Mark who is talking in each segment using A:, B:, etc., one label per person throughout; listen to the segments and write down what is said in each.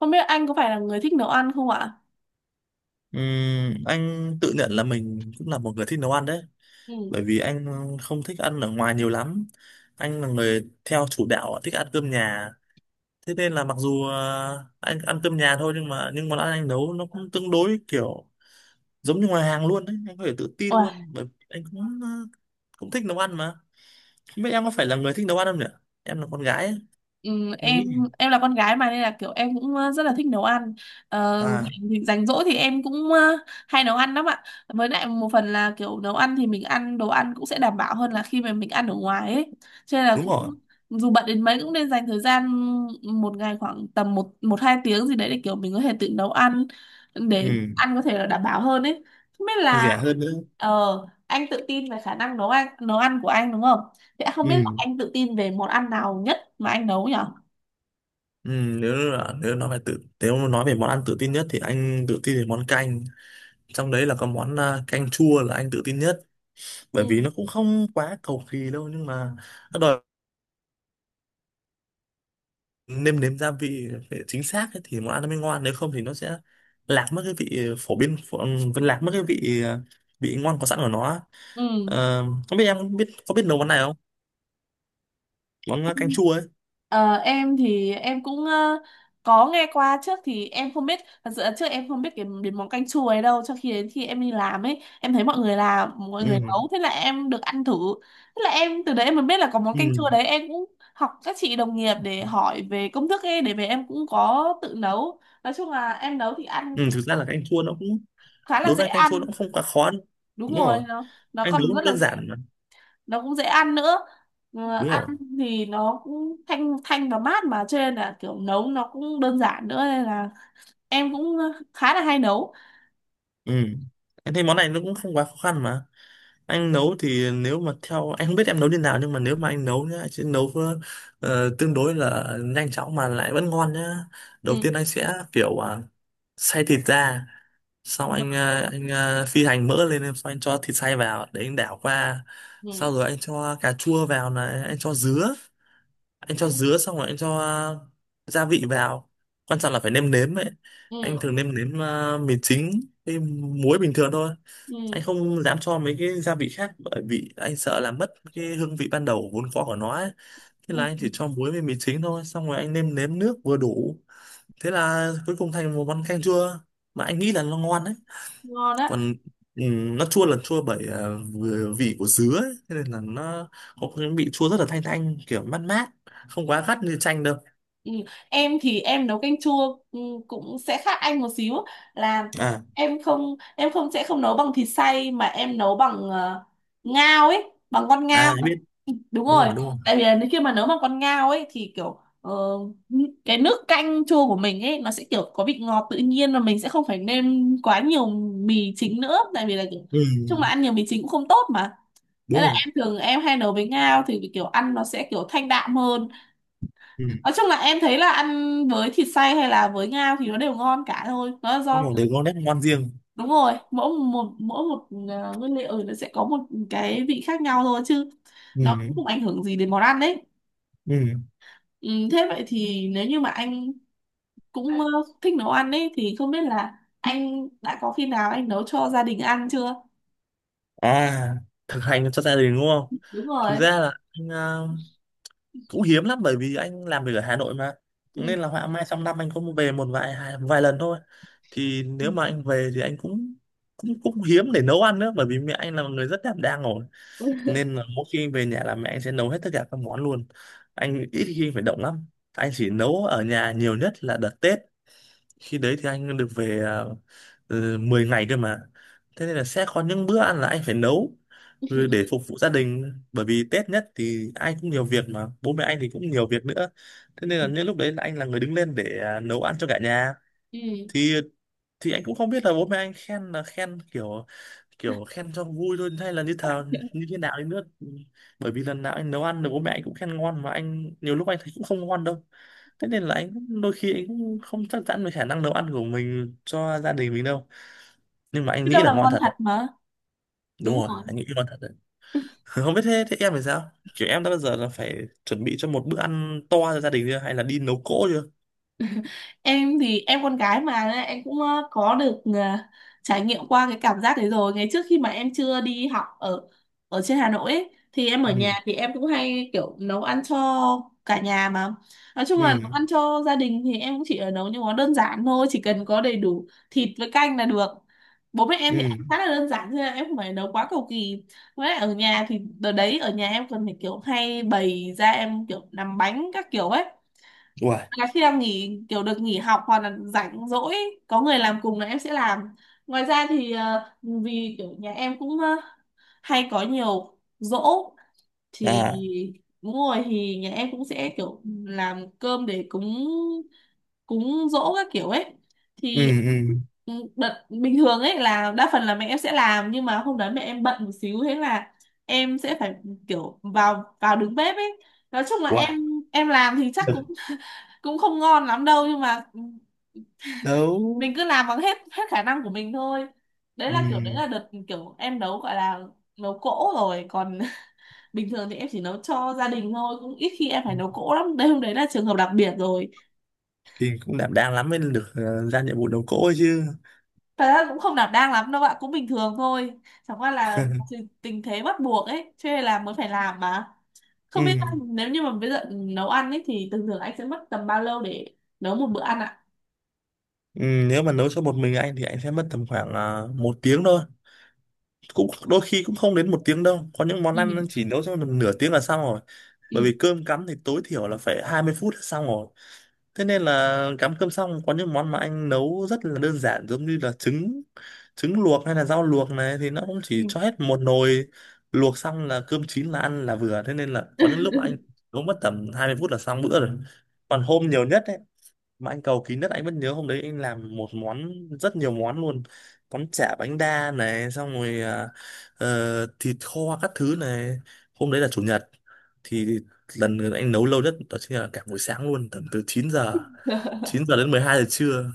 A: Không biết anh có phải là người thích nấu ăn không ạ?
B: Anh tự nhận là mình cũng là một người thích nấu ăn đấy, bởi
A: Ừ.
B: vì anh không thích ăn ở ngoài nhiều lắm. Anh là người theo chủ đạo thích ăn cơm nhà. Thế nên là mặc dù anh ăn cơm nhà thôi, nhưng mà món ăn anh nấu nó cũng tương đối kiểu giống như ngoài hàng luôn đấy. Anh có thể tự tin
A: Ủa,
B: luôn, bởi vì anh cũng cũng thích nấu ăn mà. Không biết em có phải là người thích nấu ăn không nhỉ, em là con gái ấy.
A: ừ,
B: Anh nghĩ
A: em em là con gái mà nên là kiểu em cũng rất là thích nấu ăn. Ờ,
B: à,
A: thì rảnh rỗi thì em cũng hay nấu ăn lắm ạ. Với lại một phần là kiểu nấu ăn thì mình ăn đồ ăn cũng sẽ đảm bảo hơn là khi mà mình ăn ở ngoài ấy. Cho nên là
B: đúng
A: cũng
B: rồi.
A: dù bận đến mấy cũng nên dành thời gian một ngày khoảng tầm một một hai tiếng gì đấy để kiểu mình có thể tự nấu ăn, để
B: Ừ,
A: ăn có thể là đảm bảo hơn ấy. Không biết là,
B: rẻ hơn nữa.
A: Ờ, anh tự tin về khả năng nấu ăn của anh đúng không? Thế không biết là
B: Ừ.
A: anh tự tin về món ăn nào nhất mà anh nấu nhở?
B: Ừ, nếu mà nói về món ăn tự tin nhất thì anh tự tin về món canh, trong đấy là có món canh chua là anh tự tin nhất.
A: Ừ.
B: Bởi vì nó cũng không quá cầu kỳ đâu, nhưng mà nó đòi nêm nếm gia vị phải chính xác ấy, thì món ăn nó mới ngon, nếu không thì nó sẽ lạc mất cái vị phổ biến phổ, ừ, vẫn lạc mất cái vị vị ngon có sẵn của nó.
A: Ừ.
B: Ờ, Không biết em có biết nấu món này không, món canh chua ấy.
A: Ờ, em thì em cũng có nghe qua trước, thì em không biết thật sự là trước em không biết cái đến món canh chua ấy đâu, cho khi đến khi em đi làm ấy, em thấy mọi người làm, mọi người
B: Ừ.
A: nấu, thế là em được ăn thử. Thế là em từ đấy em mới biết là có món canh
B: Ừ.
A: chua đấy. Em cũng học các chị đồng nghiệp để hỏi về công thức ấy để về em cũng có tự nấu. Nói chung là em nấu thì ăn
B: Ừ, thực ra là canh chua nó cũng,
A: khá là
B: đối
A: dễ
B: với anh canh chua nó
A: ăn.
B: cũng không quá khó đâu.
A: Đúng
B: Đúng
A: rồi,
B: rồi,
A: nó
B: anh nấu
A: còn rất là
B: đơn
A: dễ,
B: giản.
A: nó cũng dễ ăn nữa.
B: Đúng
A: Ăn
B: rồi.
A: thì nó cũng thanh thanh và mát mà, cho nên là kiểu nấu nó cũng đơn giản nữa, nên là em cũng khá là hay nấu.
B: Ừ, em thấy món này nó cũng không quá khó khăn mà. Anh nấu thì, nếu mà theo anh, không biết em nấu như nào, nhưng mà nếu mà anh nấu nhá, anh sẽ nấu tương đối là nhanh chóng mà lại vẫn ngon nhá. Đầu
A: Ừ.
B: tiên anh sẽ kiểu xay thịt ra, xong
A: Ờ.
B: anh phi hành mỡ lên, xong anh cho thịt xay vào để anh đảo qua.
A: Ừ,
B: Sau rồi anh cho cà chua vào này, anh cho dứa, xong rồi anh cho gia vị vào. Quan trọng là phải nêm nếm ấy. Anh
A: ừ,
B: thường nêm nếm mì chính với muối bình thường thôi. Anh
A: ừ,
B: không dám cho mấy cái gia vị khác, bởi vì anh sợ là mất cái hương vị ban đầu vốn có của nó ấy. Thế
A: ừ,
B: là anh chỉ cho muối với mì chính thôi, xong rồi anh nêm nếm nước vừa đủ. Thế là cuối cùng thành một món canh chua mà anh nghĩ là nó ngon đấy.
A: ngon đấy.
B: Còn nó chua là chua bởi vừa vị của dứa ấy. Thế nên là nó có cái vị chua rất là thanh thanh, kiểu mát mát, không quá gắt như chanh đâu.
A: ừ. Em thì em nấu canh chua, cũng sẽ khác anh một xíu, là
B: À,
A: em không sẽ không nấu bằng thịt xay mà em nấu bằng ngao ấy, bằng con ngao.
B: à biết.
A: Đúng
B: Đúng
A: rồi.
B: rồi, đúng rồi.
A: Tại vì là khi mà nấu mà con ngao ấy thì kiểu cái nước canh chua của mình ấy nó sẽ kiểu có vị ngọt tự nhiên và mình sẽ không phải nêm quá nhiều mì chính nữa. Tại vì là kiểu
B: Ừ.
A: chung là ăn nhiều mì chính cũng không tốt mà. Thế
B: Đúng
A: là
B: rồi.
A: em thường em hay nấu với ngao thì kiểu ăn nó sẽ kiểu thanh đạm hơn.
B: Ừ,
A: Nói chung là em thấy là ăn với thịt xay hay là với ngao thì nó đều ngon cả thôi, nó là
B: đúng
A: do,
B: rồi, đều có nét ngoan riêng.
A: đúng rồi, mỗi một nguyên liệu nó sẽ có một cái vị khác nhau thôi chứ
B: Ừ.
A: nó cũng không ảnh hưởng gì đến món ăn đấy.
B: Ừ.
A: Ừ, thế vậy thì nếu như mà anh cũng thích nấu ăn ấy thì không biết là anh đã có khi nào anh nấu cho gia đình ăn chưa?
B: À, thực hành cho gia đình đúng không.
A: Đúng
B: Thực
A: rồi.
B: ra là anh cũng hiếm lắm, bởi vì anh làm việc ở Hà Nội mà,
A: Ừ.
B: nên là họa mai trong năm anh cũng về một vài vài lần thôi. Thì nếu mà anh về thì anh cũng cũng cũng hiếm để nấu ăn nữa, bởi vì mẹ anh là một người rất đảm đang rồi, nên là mỗi khi về nhà là mẹ anh sẽ nấu hết tất cả các món luôn, anh ít khi phải động lắm. Anh chỉ nấu ở nhà nhiều nhất là đợt Tết, khi đấy thì anh được về 10 ngày cơ mà. Thế nên là sẽ có những bữa ăn là anh phải nấu,
A: Ừ.
B: ừ, để phục vụ gia đình, bởi vì Tết nhất thì ai cũng nhiều việc mà bố mẹ anh thì cũng nhiều việc nữa. Thế nên là những lúc đấy là anh là người đứng lên để nấu ăn cho cả nhà.
A: Ừ.
B: thì thì anh cũng không biết là bố mẹ anh khen là khen kiểu kiểu khen cho vui thôi hay là như như thế nào đi nữa, bởi vì lần nào anh nấu ăn được bố mẹ anh cũng khen ngon, mà anh nhiều lúc anh thấy cũng không ngon đâu. Thế nên là đôi khi anh cũng không chắc chắn về khả năng nấu ăn của mình cho gia đình mình đâu, nhưng mà anh
A: Biết
B: nghĩ
A: đâu
B: là
A: là
B: ngon
A: ngon
B: thật
A: thật
B: đấy.
A: mà.
B: Đúng
A: Đúng
B: rồi,
A: rồi.
B: anh nghĩ ngon thật đấy. Không biết thế, thế em thì sao, kiểu em đã bao giờ là phải chuẩn bị cho một bữa ăn to cho gia đình chưa, hay là đi nấu cỗ chưa.
A: Em thì em con gái mà nên em cũng có được trải nghiệm qua cái cảm giác đấy rồi. Ngày trước khi mà em chưa đi học ở ở trên Hà Nội ấy, thì em ở
B: Ừ.
A: nhà thì em cũng hay kiểu nấu ăn cho cả nhà mà. Nói chung là nấu
B: Ừ.
A: ăn cho gia đình thì em cũng chỉ ở nấu những món đơn giản thôi, chỉ cần có đầy đủ thịt với canh là được. Bố mẹ em thì
B: Ừ.
A: ăn khá là đơn giản thôi, em không phải nấu quá cầu kỳ. Với lại ở nhà thì đợt đấy ở nhà em còn phải kiểu hay bày ra, em kiểu làm bánh các kiểu ấy,
B: Uầy.
A: là khi em nghỉ kiểu được nghỉ học hoặc là rảnh rỗi có người làm cùng là em sẽ làm. Ngoài ra thì vì kiểu nhà em cũng hay có nhiều giỗ, thì,
B: À.
A: đúng rồi, thì nhà em cũng sẽ kiểu làm cơm để cúng, cúng giỗ các kiểu ấy
B: Ừ.
A: thì,
B: Ừ.
A: ừ, đợt bình thường ấy là đa phần là mẹ em sẽ làm, nhưng mà hôm đấy mẹ em bận một xíu, thế là em sẽ phải kiểu vào vào đứng bếp ấy. Nói chung là
B: Uầy.
A: em làm thì chắc cũng cũng không ngon lắm đâu, nhưng mà, ừ,
B: Nấu.
A: mình cứ làm bằng hết hết khả năng của mình thôi. Đấy là kiểu đấy
B: Ừ
A: là đợt kiểu em nấu gọi là nấu cỗ rồi, còn bình thường thì em chỉ nấu cho gia đình thôi, cũng ít khi em phải nấu cỗ lắm, đấy hôm đấy là trường hợp đặc biệt rồi.
B: thì cũng đảm đang lắm mới được ra nhiệm vụ đầu cỗ ấy chứ.
A: Thật ra cũng không đảm đang lắm đâu bạn, cũng bình thường thôi, chẳng qua là, thì- tình thế bắt buộc ấy cho nên là mới phải làm mà. Không biết
B: Ừ.
A: anh, nếu như mà bây giờ nấu ăn ấy thì thường thường anh sẽ mất tầm bao lâu để nấu một bữa ăn ạ?
B: Ừ, nếu mà nấu cho một mình anh thì anh sẽ mất tầm khoảng một tiếng thôi, cũng đôi khi cũng không đến một tiếng đâu, có những món ăn
A: Ừ.
B: chỉ nấu cho nửa tiếng là xong rồi.
A: Ừ.
B: Bởi vì cơm cắm thì tối thiểu là phải 20 phút là xong rồi. Thế nên là cắm cơm xong có những món mà anh nấu rất là đơn giản, giống như là trứng trứng luộc hay là rau luộc này thì nó cũng
A: Ừ.
B: chỉ cho hết một nồi, luộc xong là cơm chín là ăn là vừa. Thế nên là có những lúc mà anh nấu mất tầm 20 phút là xong bữa rồi. Còn hôm nhiều nhất ấy, mà anh cầu kín đất, anh vẫn nhớ hôm đấy anh làm một món, rất nhiều món luôn, món chả bánh đa này, xong rồi thịt kho các thứ này. Hôm đấy là chủ nhật, thì lần anh nấu lâu nhất đó chính là cả buổi sáng luôn, tầm từ 9 giờ đến 12 giờ trưa,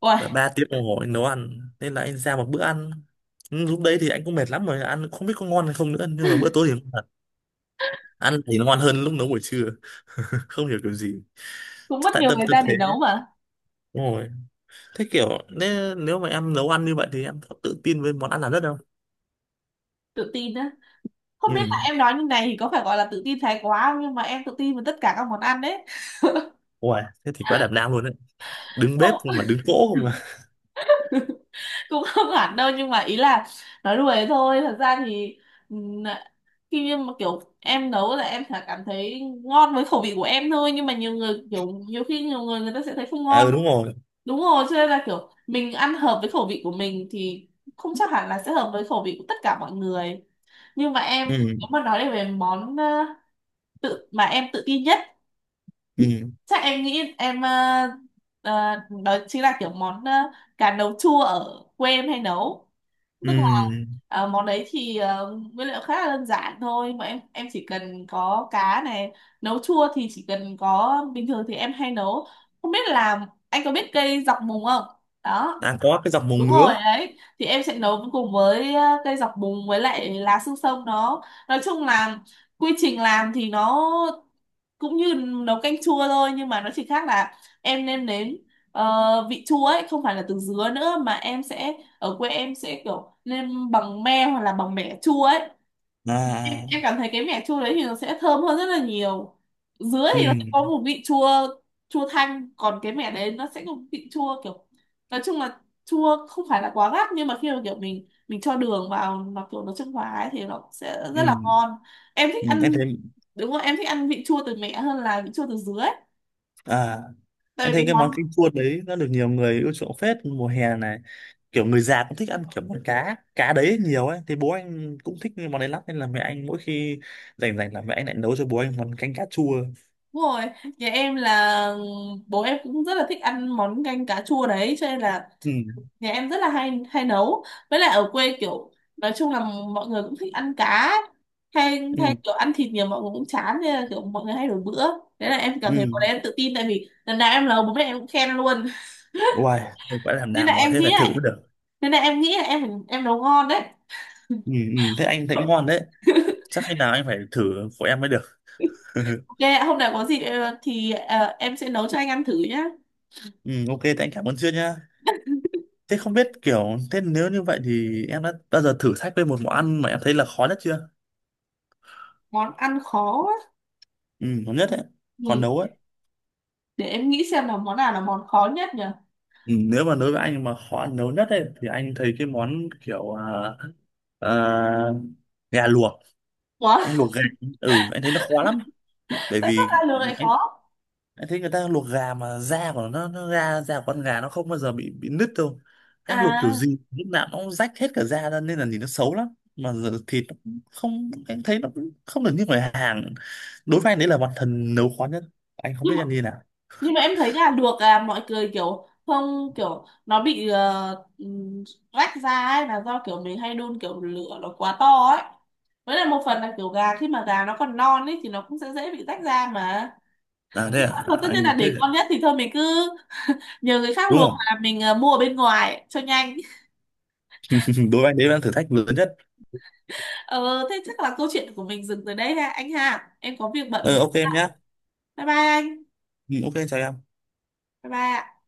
A: Uầy,
B: là 3 tiếng đồng hồ anh nấu ăn nên là anh ra một bữa ăn. Ừ, lúc đấy thì anh cũng mệt lắm rồi, ăn không biết có ngon hay không nữa, nhưng mà bữa tối thì ngon thật, ăn thì nó ngon hơn lúc nấu buổi trưa. Không hiểu kiểu gì,
A: cũng
B: chắc
A: mất
B: tại
A: nhiều
B: tâm
A: thời
B: tâm
A: gian
B: thế.
A: để nấu mà.
B: Đúng rồi. Thế kiểu, nếu mà em nấu ăn như vậy thì em có tự tin với món ăn là rất không?
A: Tự tin á? Không
B: Ừ.
A: biết là em nói như này thì có phải gọi là tự tin thái quá không, nhưng mà em tự tin với tất cả các món ăn đấy.
B: Ủa, thế thì quá đảm đang luôn đấy. Đứng bếp
A: Không,
B: không mà đứng cỗ không mà.
A: cũng không hẳn đâu, nhưng mà ý là nói đùa thôi, thật ra thì, ừm, khi như mà kiểu em nấu là em sẽ cảm thấy ngon với khẩu vị của em thôi, nhưng mà nhiều người kiểu, nhiều khi nhiều người người ta sẽ thấy không
B: À
A: ngon.
B: ừ đúng rồi.
A: Đúng rồi, cho nên là kiểu mình ăn hợp với khẩu vị của mình thì không chắc hẳn là sẽ hợp với khẩu vị của tất cả mọi người. Nhưng mà em,
B: Ừ.
A: nếu mà nói về món tự mà em tự tin nhất,
B: Ừ.
A: chắc em nghĩ em, ờ, đó chính là kiểu món, cá nấu chua, ở quê em hay nấu.
B: Ừ.
A: Tức, món đấy thì nguyên liệu khá là đơn giản thôi, mà em chỉ cần có cá này, nấu chua thì chỉ cần có bình thường thì em hay nấu, không biết là anh có biết cây dọc mùng không? Đó.
B: À, có cái dọc mồng
A: Đúng rồi
B: ngứa.
A: đấy, thì em sẽ nấu cùng với cây dọc mùng với lại lá xương sông nó, nói chung là quy trình làm thì nó cũng như nấu canh chua thôi, nhưng mà nó chỉ khác là em nêm nếm vị chua ấy không phải là từ dứa nữa, mà em sẽ, ở quê em sẽ kiểu nêm bằng me hoặc là bằng mẻ chua ấy.
B: À.
A: em,
B: À,
A: em
B: à.
A: cảm thấy cái mẻ chua đấy thì nó sẽ thơm hơn rất là nhiều. Dứa
B: Ừ.
A: thì nó sẽ có một vị chua, chua thanh, còn cái mẻ đấy nó sẽ có một vị chua kiểu, nói chung là chua không phải là quá gắt, nhưng mà khi mà kiểu mình cho đường vào nó kiểu nó trung hòa ấy thì nó sẽ
B: Ừ.
A: rất là ngon. Em thích
B: Ừ. Em
A: ăn,
B: thấy
A: đúng rồi, em thích ăn vị chua từ mẹ hơn là vị chua từ dứa ấy.
B: à
A: Tại vì
B: em thấy
A: cái
B: cái món
A: món,
B: canh chua đấy nó được nhiều người ưa chuộng phết mùa hè này. Kiểu người già cũng thích ăn kiểu món cá đấy nhiều ấy. Thì bố anh cũng thích cái món đấy lắm, nên là mẹ anh mỗi khi rảnh rảnh là mẹ anh lại nấu cho bố anh món canh cá chua.
A: đúng rồi, nhà em là, bố em cũng rất là thích ăn món canh cá chua đấy, cho nên là
B: Ừ.
A: nhà em rất là hay hay nấu. Với lại ở quê kiểu, nói chung là mọi người cũng thích ăn cá ấy. Hay hay
B: Ừ.
A: kiểu ăn thịt nhiều mọi người cũng chán, nên là kiểu mọi người hay đổi bữa. Đấy là em cảm
B: Ừ.
A: thấy bọn em tự tin, tại vì lần nào em nấu bố mẹ em cũng khen luôn.
B: Uầy, em quả làm
A: Nên là
B: đàng quá,
A: em
B: thế
A: nghĩ
B: phải thử
A: lại,
B: mới được.
A: nên là em nghĩ là em nấu ngon đấy.
B: Ừ, thế anh thấy ngon đấy. Chắc khi nào anh phải thử của em mới được.
A: Ok ạ, hôm nào có gì thì em sẽ nấu cho anh ăn thử nhá.
B: Ừ, ok thế anh cảm ơn chưa nhá. Thế không biết kiểu, thế nếu như vậy thì em đã bao giờ thử thách với một món ăn mà em thấy là khó nhất chưa.
A: Món ăn khó á?
B: Ừ khó nhất đấy, khó
A: Ừ.
B: nấu ấy.
A: Để em nghĩ xem là món nào là món khó nhất nhỉ.
B: Ừ, nếu mà đối với anh mà khó nấu nhất ấy thì anh thấy cái món kiểu à, gà luộc,
A: Ủa.
B: anh luộc gà. Ừ anh thấy nó khó lắm, bởi
A: Tại sao
B: vì
A: ra lường lại khó?
B: anh thấy người ta luộc gà mà da của nó ra da của con gà nó không bao giờ bị nứt đâu. Anh luộc kiểu
A: À,
B: gì lúc nào nó cũng rách hết cả da ra, nên là nhìn nó xấu lắm. Mà giờ thịt nó cũng không, anh thấy nó cũng không được như ngoài hàng. Đối với anh đấy là bản thân nấu khó nhất, anh không
A: nhưng
B: biết
A: mà,
B: anh như nào.
A: nhưng mà em thấy gà luộc là mọi người kiểu không, kiểu nó bị rách ra ấy là do kiểu mình hay đun kiểu lửa nó quá to ấy. Với lại một phần là kiểu gà khi mà gà nó còn non ấy thì nó cũng sẽ dễ bị rách ra mà.
B: À thế
A: Nhưng mà
B: à,
A: thôi, tất nhiên là
B: anh thấy
A: để ngon nhất thì thôi mình cứ nhờ người khác
B: đúng
A: luộc,
B: không.
A: là mình mua ở bên ngoài cho nhanh.
B: Đối với anh đấy là thử thách lớn nhất.
A: Ờ Thế chắc là câu chuyện của mình dừng tới đây ha anh, ha em có việc bận một
B: Ờ
A: chút
B: ok em
A: ạ.
B: nhá.
A: Bye bye anh.
B: Ừ, ok chào em.
A: Bye bye ạ.